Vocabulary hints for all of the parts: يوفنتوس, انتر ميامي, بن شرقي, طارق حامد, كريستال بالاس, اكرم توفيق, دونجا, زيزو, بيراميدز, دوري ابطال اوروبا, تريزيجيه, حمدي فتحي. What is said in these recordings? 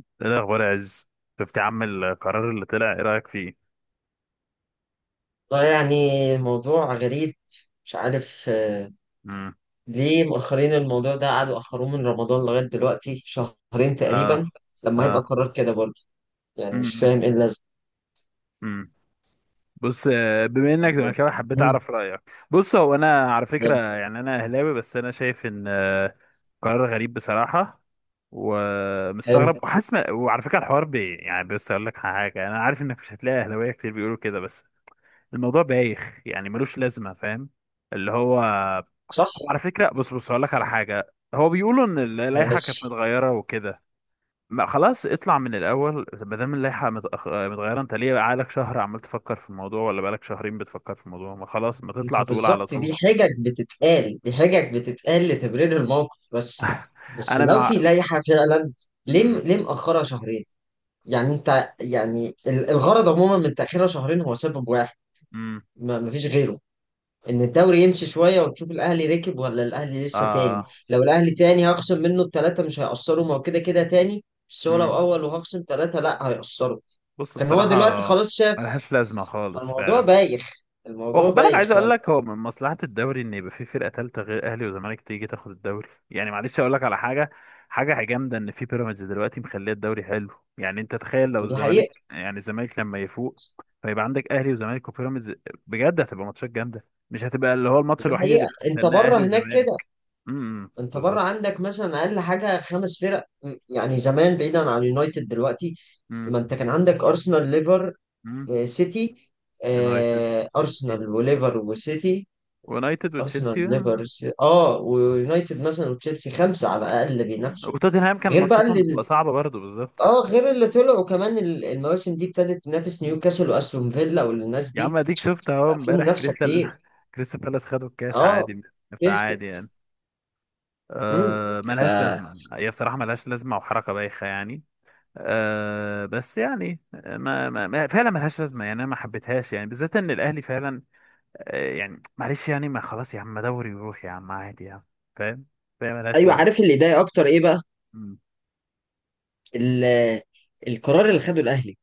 ايه الاخبار يا عز؟ شفت يا عم القرار اللي طلع، ايه رايك فيه؟ والله يعني موضوع غريب، مش عارف امم ليه مؤخرين الموضوع ده، قعدوا أخروه من رمضان لغاية دلوقتي، 2 شهر اه. تقريبا. لما يبقى اه. قرار كده برضه، يعني مش امم فاهم ايه اللازمة. امم بص، بما انك يعني. زملكاوي حبيت مم، اعرف رايك. بص، هو انا على ده. فكره يعني انا اهلاوي، بس انا شايف ان قرار غريب بصراحه، حلو. ومستغرب وحاسس، وعلى فكره الحوار بي يعني. بص اقول لك حاجه، انا عارف انك مش هتلاقي اهلاويه كتير بيقولوا كده، بس الموضوع بايخ يعني، ملوش لازمه، فاهم؟ اللي هو صح. هو على فكره بص بص هقول لك على حاجه، هو بيقولوا ان اللائحه كانت ماشي. متغيره وكده. ما خلاص اطلع من الاول، ما دام اللائحه متغيره، انت ليه بقالك شهر عمال تفكر في الموضوع، ولا بقالك شهرين بتفكر في الموضوع؟ ما خلاص، ما تطلع ما تقول على بالظبط، طول. دي حجج بتتقال، دي حجج بتتقال لتبرير الموقف بس انا لو في مع. لائحة فعلا، ليه امم. ليه مأخرها 2 شهر؟ يعني انت، يعني الغرض عموما من تأخيرها 2 شهر هو سبب واحد، امم. ما فيش غيره. ان الدوري يمشي شويه وتشوف الاهلي ركب ولا الاهلي لسه تاني. اه. لو الاهلي تاني هخصم منه التلاته مش هيأثروا، ما هو كده كده تاني. بس هو لو امم. اول وهخصم تلاته، لا هيأثروا. بص كان هو بصراحه دلوقتي خلاص شاف. ملهاش لازمه خالص الموضوع فعلا. بايخ، الموضوع واخد بالك، بايخ عايز اقول فعلا. لك، هو من مصلحة الدوري ان يبقى في فرقة تالتة غير اهلي وزمالك تيجي تاخد الدوري يعني. معلش اقول لك على حاجة، حاجة جامدة ان في بيراميدز دلوقتي مخليه الدوري حلو. يعني انت تخيل لو دي حقيقه، يعني الزمالك لما يفوق، فيبقى عندك اهلي وزمالك وبيراميدز، بجد هتبقى ماتشات جامدة، مش هتبقى اللي هو الماتش دي الوحيد اللي حقيقه، انت بتستناه بره اهلي هناك كده. وزمالك. امم. انت بره بالظبط. عندك مثلا اقل حاجه 5 فرق، يعني زمان بعيدا عن اليونايتد دلوقتي. امم. ما انت كان عندك ارسنال، ليفر، امم. سيتي، يونايتد. تشيلسي. ارسنال وليفر وسيتي. يونايتد ارسنال، وتشيلسي. ليفر، ويونايتد مثلا وتشيلسي، 5 على الاقل بينافسوا. وتوتنهام كان غير بقى ماتشاتهم اللي، بتبقى صعبة برضه، بالظبط. اه غير اللي طلعوا كمان المواسم دي ابتدت تنافس نيوكاسل واستون فيلا والناس يا دي. عم اديك شفت اهو بقى في امبارح منافسه كتير. كريستال كريستال بالاس خدوا الكاس اه. عادي. فعادي كسبت. يعني. امم أه، ف ملهاش لازمه هي بصراحه، ملهاش لازمه وحركه بايخه يعني. أه، بس يعني فعلا ملهاش لازمه يعني، انا ما حبيتهاش يعني، بالذات ان الاهلي فعلا. أه يعني معلش يعني، ما خلاص يا عم، ما دوري يروح يا عم، عادي يا عم. فاهم. فاهم ملهاش ايوه، لازمه. عارف اللي ضايق اكتر ايه بقى؟ مم. ال- القرار اللي خده الاهلي.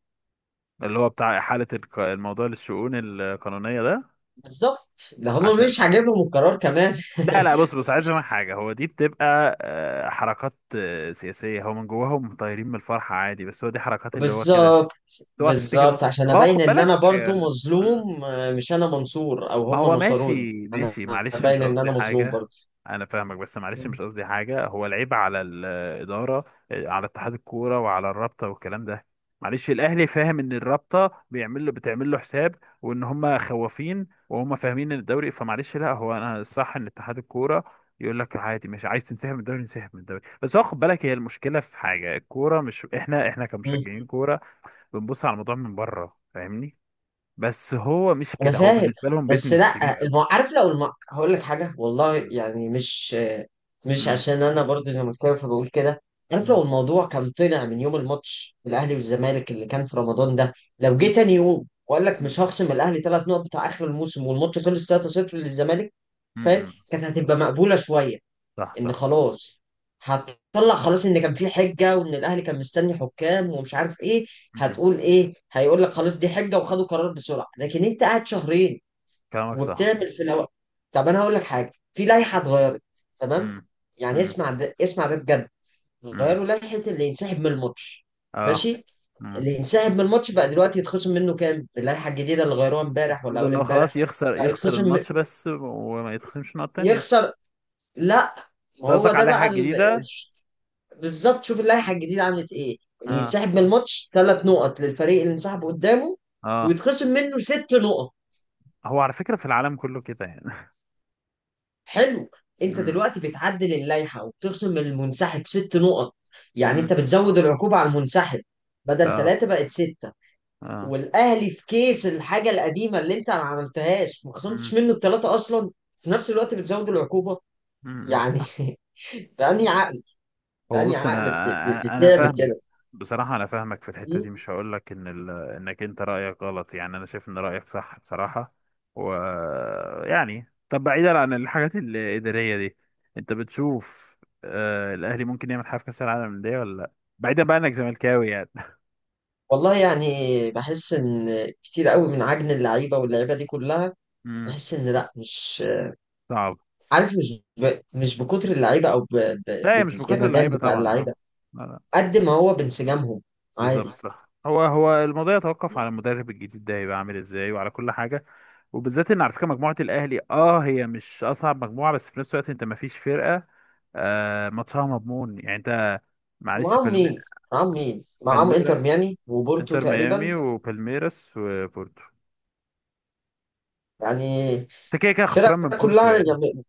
اللي هو بتاع احاله الموضوع للشؤون القانونيه ده. بالظبط، ده هم عشان. مش عاجبهم القرار كمان. لا لا، بص بص عايز افهم حاجه، هو دي بتبقى حركات سياسيه، هو من جواهم طايرين من الفرحه عادي، بس هو دي حركات اللي هو كده. بالظبط، اوعى تفتكر إن بالظبط هو، عشان ما هو ابين خد ان انا بالك برضو مظلوم، مش انا منصور او ما هم هو نصروني. ماشي انا ماشي، معلش ابين مش ان قصدي انا مظلوم حاجة. برضو. أنا فاهمك، بس معلش مش قصدي حاجة، هو العيب على الإدارة، على اتحاد الكورة وعلى الرابطة والكلام ده. معلش الأهلي فاهم إن الرابطة بيعمل له، بتعمل له حساب، وإن هما خوافين وهما فاهمين إن الدوري، فمعلش. لا هو أنا الصح إن اتحاد الكورة يقول لك عادي، مش عايز تنسحب من الدوري انسحب من الدوري، بس هو خد بالك، هي المشكلة في حاجة، الكورة مش إحنا، إحنا مم. كمشجعين كورة بنبص على الموضوع من بره، فاهمني؟ بس هو مش انا كده، هو فاهم. بالنسبة لهم بس بيزنس كبير لا قوي. عارف، لو هقول لك حاجه، والله مم. يعني مش مش مم. عشان انا برضو زي ما كنت فبقول كده. عارف لو مم. الموضوع كان طلع من يوم الماتش الاهلي والزمالك اللي كان في رمضان ده، لو جه تاني يوم واقول لك مم. مش هخصم الاهلي 3 نقط بتاع اخر الموسم، والماتش خلص 3-0 للزمالك، فاهم، مم. كانت هتبقى مقبوله شويه. صح ان صح. خلاص هتطلع خلاص ان كان في حجه، وان الاهلي كان مستني حكام ومش عارف ايه. مم. هتقول ايه؟ هيقول لك خلاص دي حجه وخدوا قرار بسرعه. لكن انت قاعد 2 شهر كلامك صح. وبتعمل في الهواء. طب انا هقول لك حاجه، في لائحه اتغيرت. تمام، مم. يعني مم. اسمع ده، اسمع ده بجد. مم. غيروا لائحه اللي ينسحب من الماتش. اه. ماشي. مم. اللي ينسحب من الماتش بقى دلوقتي يتخصم منه كام؟ اللائحه الجديده اللي غيروها امبارح ولا المفروض اول ان هو خلاص امبارح؟ يخسر، بقى يخسر يتخصم. الماتش بس، وما يتخصمش نقط تانية انت. يخسر. لا، ما هو قصدك ده على بقى. حاجة جديدة. بالظبط، شوف اللائحه الجديده عملت ايه. اللي اه. يتسحب من الماتش، ثلاث نقط للفريق اللي انسحب قدامه، اه. ويتخصم منه 6 نقط. هو على فكرة في العالم كله كده يعني. حلو. انت مم. دلوقتي بتعدل اللائحه وبتخصم من المنسحب 6 نقط، يعني مم. انت بتزود العقوبه على المنسحب. بدل اه. ثلاثه بقت سته اه. والاهلي في كيس الحاجه القديمه اللي انت ما عملتهاش، ما خصمتش مم. منه الثلاثه اصلا. في نفس الوقت بتزود العقوبه، مم. يعني بأني عقل هو بأني بص انا عقل انا أنا بتعمل فاهمك. كده. بصراحه انا فاهمك في الحته دي، مش هقول لك ان انك انت رايك غلط، يعني انا شايف ان رايك صح بصراحه. و يعني طب بعيدا عن الحاجات الاداريه دي، انت بتشوف آه الاهلي ممكن يعمل حاجه في كاس العالم للانديه ولا لا؟ بعيدا بقى انك زملكاوي يعني. والله يعني بحس ان كتير قوي من عجن اللعيبه واللعيبه دي كلها. امم. بحس ان لا، مش صعب. عارف، مش مش بكتر اللعيبه، او لا، هي مش بكتر بالجمدان اللعيبه بتاع طبعا. اللعيبه اه. قد ما هو بانسجامهم. بالظبط عادي. صح، هو الموضوع يتوقف على المدرب الجديد ده هيبقى عامل ازاي وعلى كل حاجه. وبالذات ان على فكره مجموعه الاهلي، اه هي مش اصعب مجموعه، بس في نفس الوقت انت، ما فيش فرقه ماتشها مضمون يعني. انت معلش ومعاهم مين؟ معاهم مين؟ معاهم انتر بالميراس. ميامي وبورتو انتر ميامي تقريبا. وبالميراس وبورتو. يعني انت كده كده خسران فرق من بورتو كلها يعني. يعني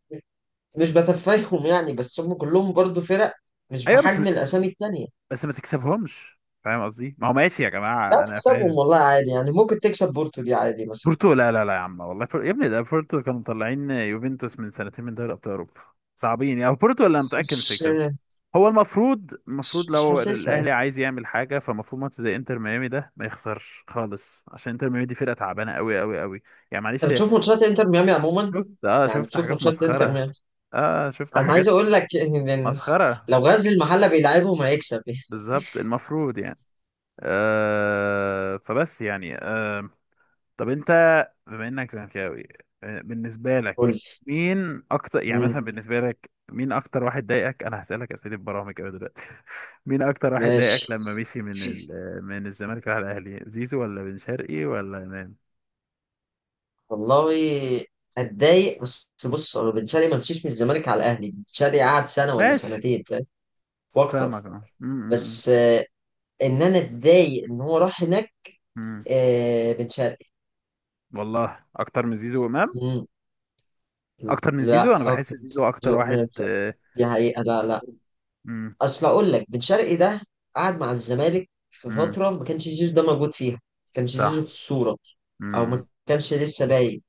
مش بتفاهم، يعني، بس هم كلهم برضو فرق، مش ايوه بس، بحجم الاسامي التانية. بس ما تكسبهمش، فاهم قصدي، ما هو ماشي يا لا جماعه انا فاهم. تكسبهم والله عادي، يعني ممكن تكسب بورتو دي عادي مثلا. بورتو، لا لا لا يا عم والله، يا ابني ده بورتو كانوا مطلعين يوفنتوس من سنتين من دوري ابطال اوروبا، صعبين يعني بورتو. ولا بس متاكد مش مش هيكسبوا. هو المفروض، مش المفروض مش لو حاسسها. الاهلي عايز يعمل حاجه، فالمفروض ماتش زي انتر ميامي ده ما يخسرش خالص، عشان انتر ميامي دي فرقه تعبانه قوي قوي قوي، يعني انت معلش. بتشوف ماتشات انتر ميامي عموما، شفت اه يعني شفت بتشوف حاجات ماتشات انتر مسخره. ميامي. اه شفت انا عايز حاجات اقول لك ان مسخره، لو غزل المحله بيلعبهم هيكسب بالظبط المفروض يعني. آه فبس يعني آه، طب انت، بما انك زملكاوي بالنسبه قول لك، لي. مين اكتر يعني مثلا مم، بالنسبه لك، مين اكتر واحد ضايقك؟ انا هسالك اسئله برامج كده دلوقتي. مين اكتر واحد ماشي، ضايقك لما مشي من ال... آه، من الزمالك راح الاهلي، زيزو ولا بن شرقي ولا امام؟ والله اتضايق، بس بص، هو بن شرقي ما مشيش من الزمالك على الاهلي. بن شرقي قعد سنه ولا ماشي. سنتين فاهم، اه واكتر. فاهمك اه بس ان انا اتضايق ان هو راح هناك. م. م. بن شرقي. والله اكتر من زيزو وامام. مم، اكتر من زيزو لا انا اه بحس اكتر زيزو اكتر واحد من- دي حقيقه. لا لا، م- اصل اقول لك بن شرقي ده قعد مع الزمالك في م. فتره ما كانش زيزو ده موجود فيها، ما كانش زيزو في صح. الصوره، م- او ما م. كانش لسه باين.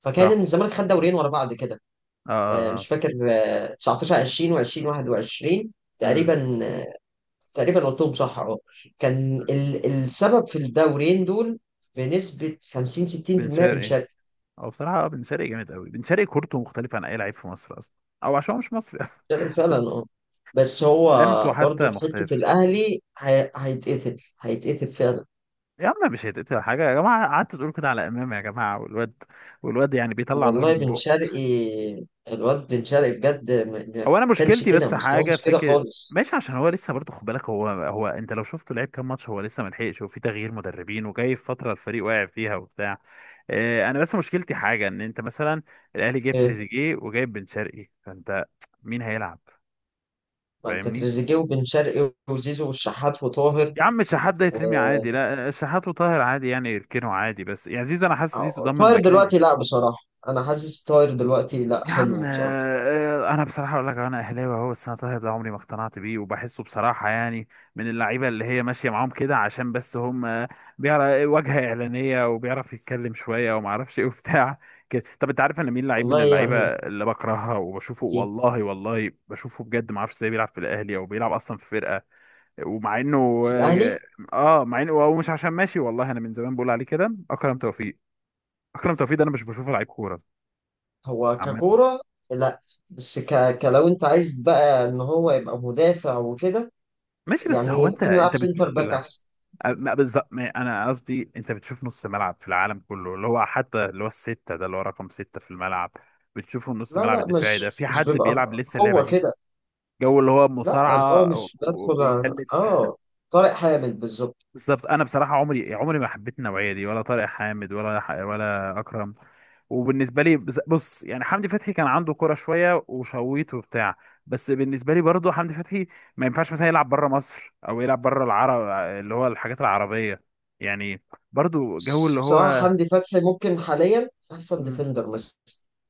فكان صح. إن الزمالك خد دورين ورا بعض كده. اه اه اه. مش فاكر 19 20 و20 21 م. تقريبا. تقريبا قلتهم صح اهو. كان السبب في الدورين دول بنسبه 50 بن 60% بن شرقي. شرقي. هو بصراحة بن شرقي جامد قوي، بن شرقي كورته مختلفة عن أي لعيب في مصر أصلا، أو عشان هو مش مصري أصلا. بن شرقي فعلا. بس اه. بس هو لمته برضه حتى في حته مختلف. الاهلي، هيتقتل، هيتقتل فعلا. يا عم مش هيتقطع حاجة يا جماعة، قعدت تقول كده على إمام يا جماعة، والواد، والواد يعني بيطلع نار والله من بن بقه. شرقي. الواد بن شرقي بجد، ما هو أنا كانش مشكلتي كده، بس مستواه حاجة مش كده فكرة، خالص. ماشي عشان هو لسه برضه، خد بالك هو، أنت لو شفته لعب كام ماتش، هو لسه ملحقش، وفي تغيير مدربين، وجاي في فترة الفريق واقع فيها وبتاع. أنا بس مشكلتي حاجة، إن أنت مثلا الأهلي جايب إيه، تريزيجيه وجايب بن شرقي، فأنت مين هيلعب؟ ما انت فاهمني. تريزيجيه وبن شرقي وزيزو والشحات وطاهر. يا عم الشحات ده يترمي و- عادي، لا الشحات وطاهر عادي يعني يركنوا عادي، بس يعني زيزو انا حاسس زيزو ضمن طاهر مكاني. دلوقتي لا، بصراحة أنا حاسس طاهر دلوقتي لا، يا عم حلو بصراحة. انا بصراحه اقول لك، انا اهلاوي اهو، بس انا طاهر ده عمري ما اقتنعت بيه وبحسه بصراحه يعني من اللعيبه اللي هي ماشيه معاهم كده عشان بس هم، بيعرف واجهه اعلانيه وبيعرف يتكلم شويه وما اعرفش ايه وبتاع كده. طب انت عارف انا مين لعيب من والله اللعيبه يعني. اللي بكرهها وبشوفه إيه، والله والله بشوفه بجد ما اعرفش ازاي بيلعب في الاهلي او بيلعب اصلا في فرقه، ومع انه في الأهلي اه، مع انه هو مش عشان ماشي والله، انا من زمان بقول عليه كده، اكرم توفيق. اكرم توفيق ده انا مش بشوفه لعيب كوره هو عامه. ككورة؟ لا بس كلو، أنت عايز بقى إن هو يبقى مدافع وكده، ماشي بس يعني هو انت ممكن يلعب انت بتشوف، سنتر باك لا أحسن. ما بالظبط، انا قصدي انت بتشوف نص ملعب في العالم كله اللي هو حتى اللي هو السته ده اللي هو رقم سته في الملعب، بتشوفه نص لا ملعب لا، الدفاعي ده مش في مش حد بيبقى بيلعب لسه اللعبه قوة دي؟ كده. جو اللي هو لا، اللي هو مصارعه مش بدخل وبيشل. طارق حامد بالظبط. بالظبط انا بصراحه عمري عمري ما حبيت النوعيه دي، ولا طارق حامد ولا ولا اكرم. وبالنسبه لي بص يعني حمدي فتحي كان عنده كرة شويه وشويت وبتاع، بس بالنسبه لي برضه حمدي فتحي ما ينفعش مثلا يلعب بره مصر او يلعب بره العرب، اللي هو الحاجات العربيه يعني، برضه جو بس اللي بصراحة هو. حمدي فتحي ممكن حاليا أحسن مم. ديفندر مصر.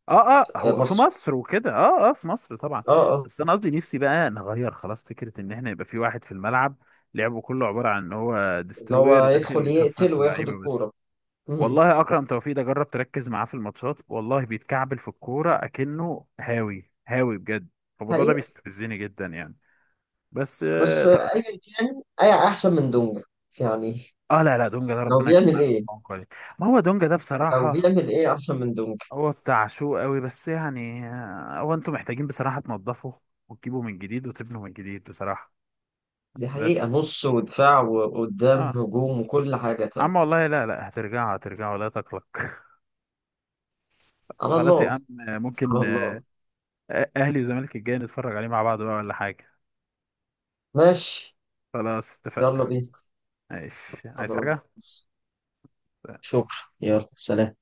اه اه هو في مصر. مصر وكده، اه اه في مصر طبعا. اه بس اه. انا قصدي نفسي بقى نغير خلاص فكره ان احنا يبقى في واحد في الملعب لعبه كله عباره عن ان هو اللي هو ديستروير يدخل داخل يكسر يقتل في وياخد اللعيبه بس. الكورة. مم. والله اكرم توفيق ده جرب تركز معاه في الماتشات، والله بيتكعبل في الكوره اكنه هاوي هاوي بجد. الموضوع ده حقيقة. بيستفزني جدا يعني. بس بس أيا كان، أي أحسن من دونجا يعني. لا لا، دونجا ده لو ربنا يكون بيعمل إيه؟ عليه، ما هو دونجا ده لو بصراحه بيعمل إيه أحسن من دونجا؟ هو بتاع شو قوي، بس يعني هو انتوا محتاجين بصراحه تنضفوا وتجيبوا من جديد وتبنوا من جديد بصراحه. دي حقيقة، بس نص ودفاع وقدام اه هجوم وكل حاجة تاني. عم والله لا لا هترجعوا هترجعوا لا تقلق. على خلاص يا الله. عم على ممكن الله. اهلي وزمالك الجاي نتفرج عليه مع بعض بقى ولا حاجه. ماشي. خلاص اتفقنا. يلا بينا. ماشي. عايز حاجة؟ خلاص. شكرا، يلا سلام.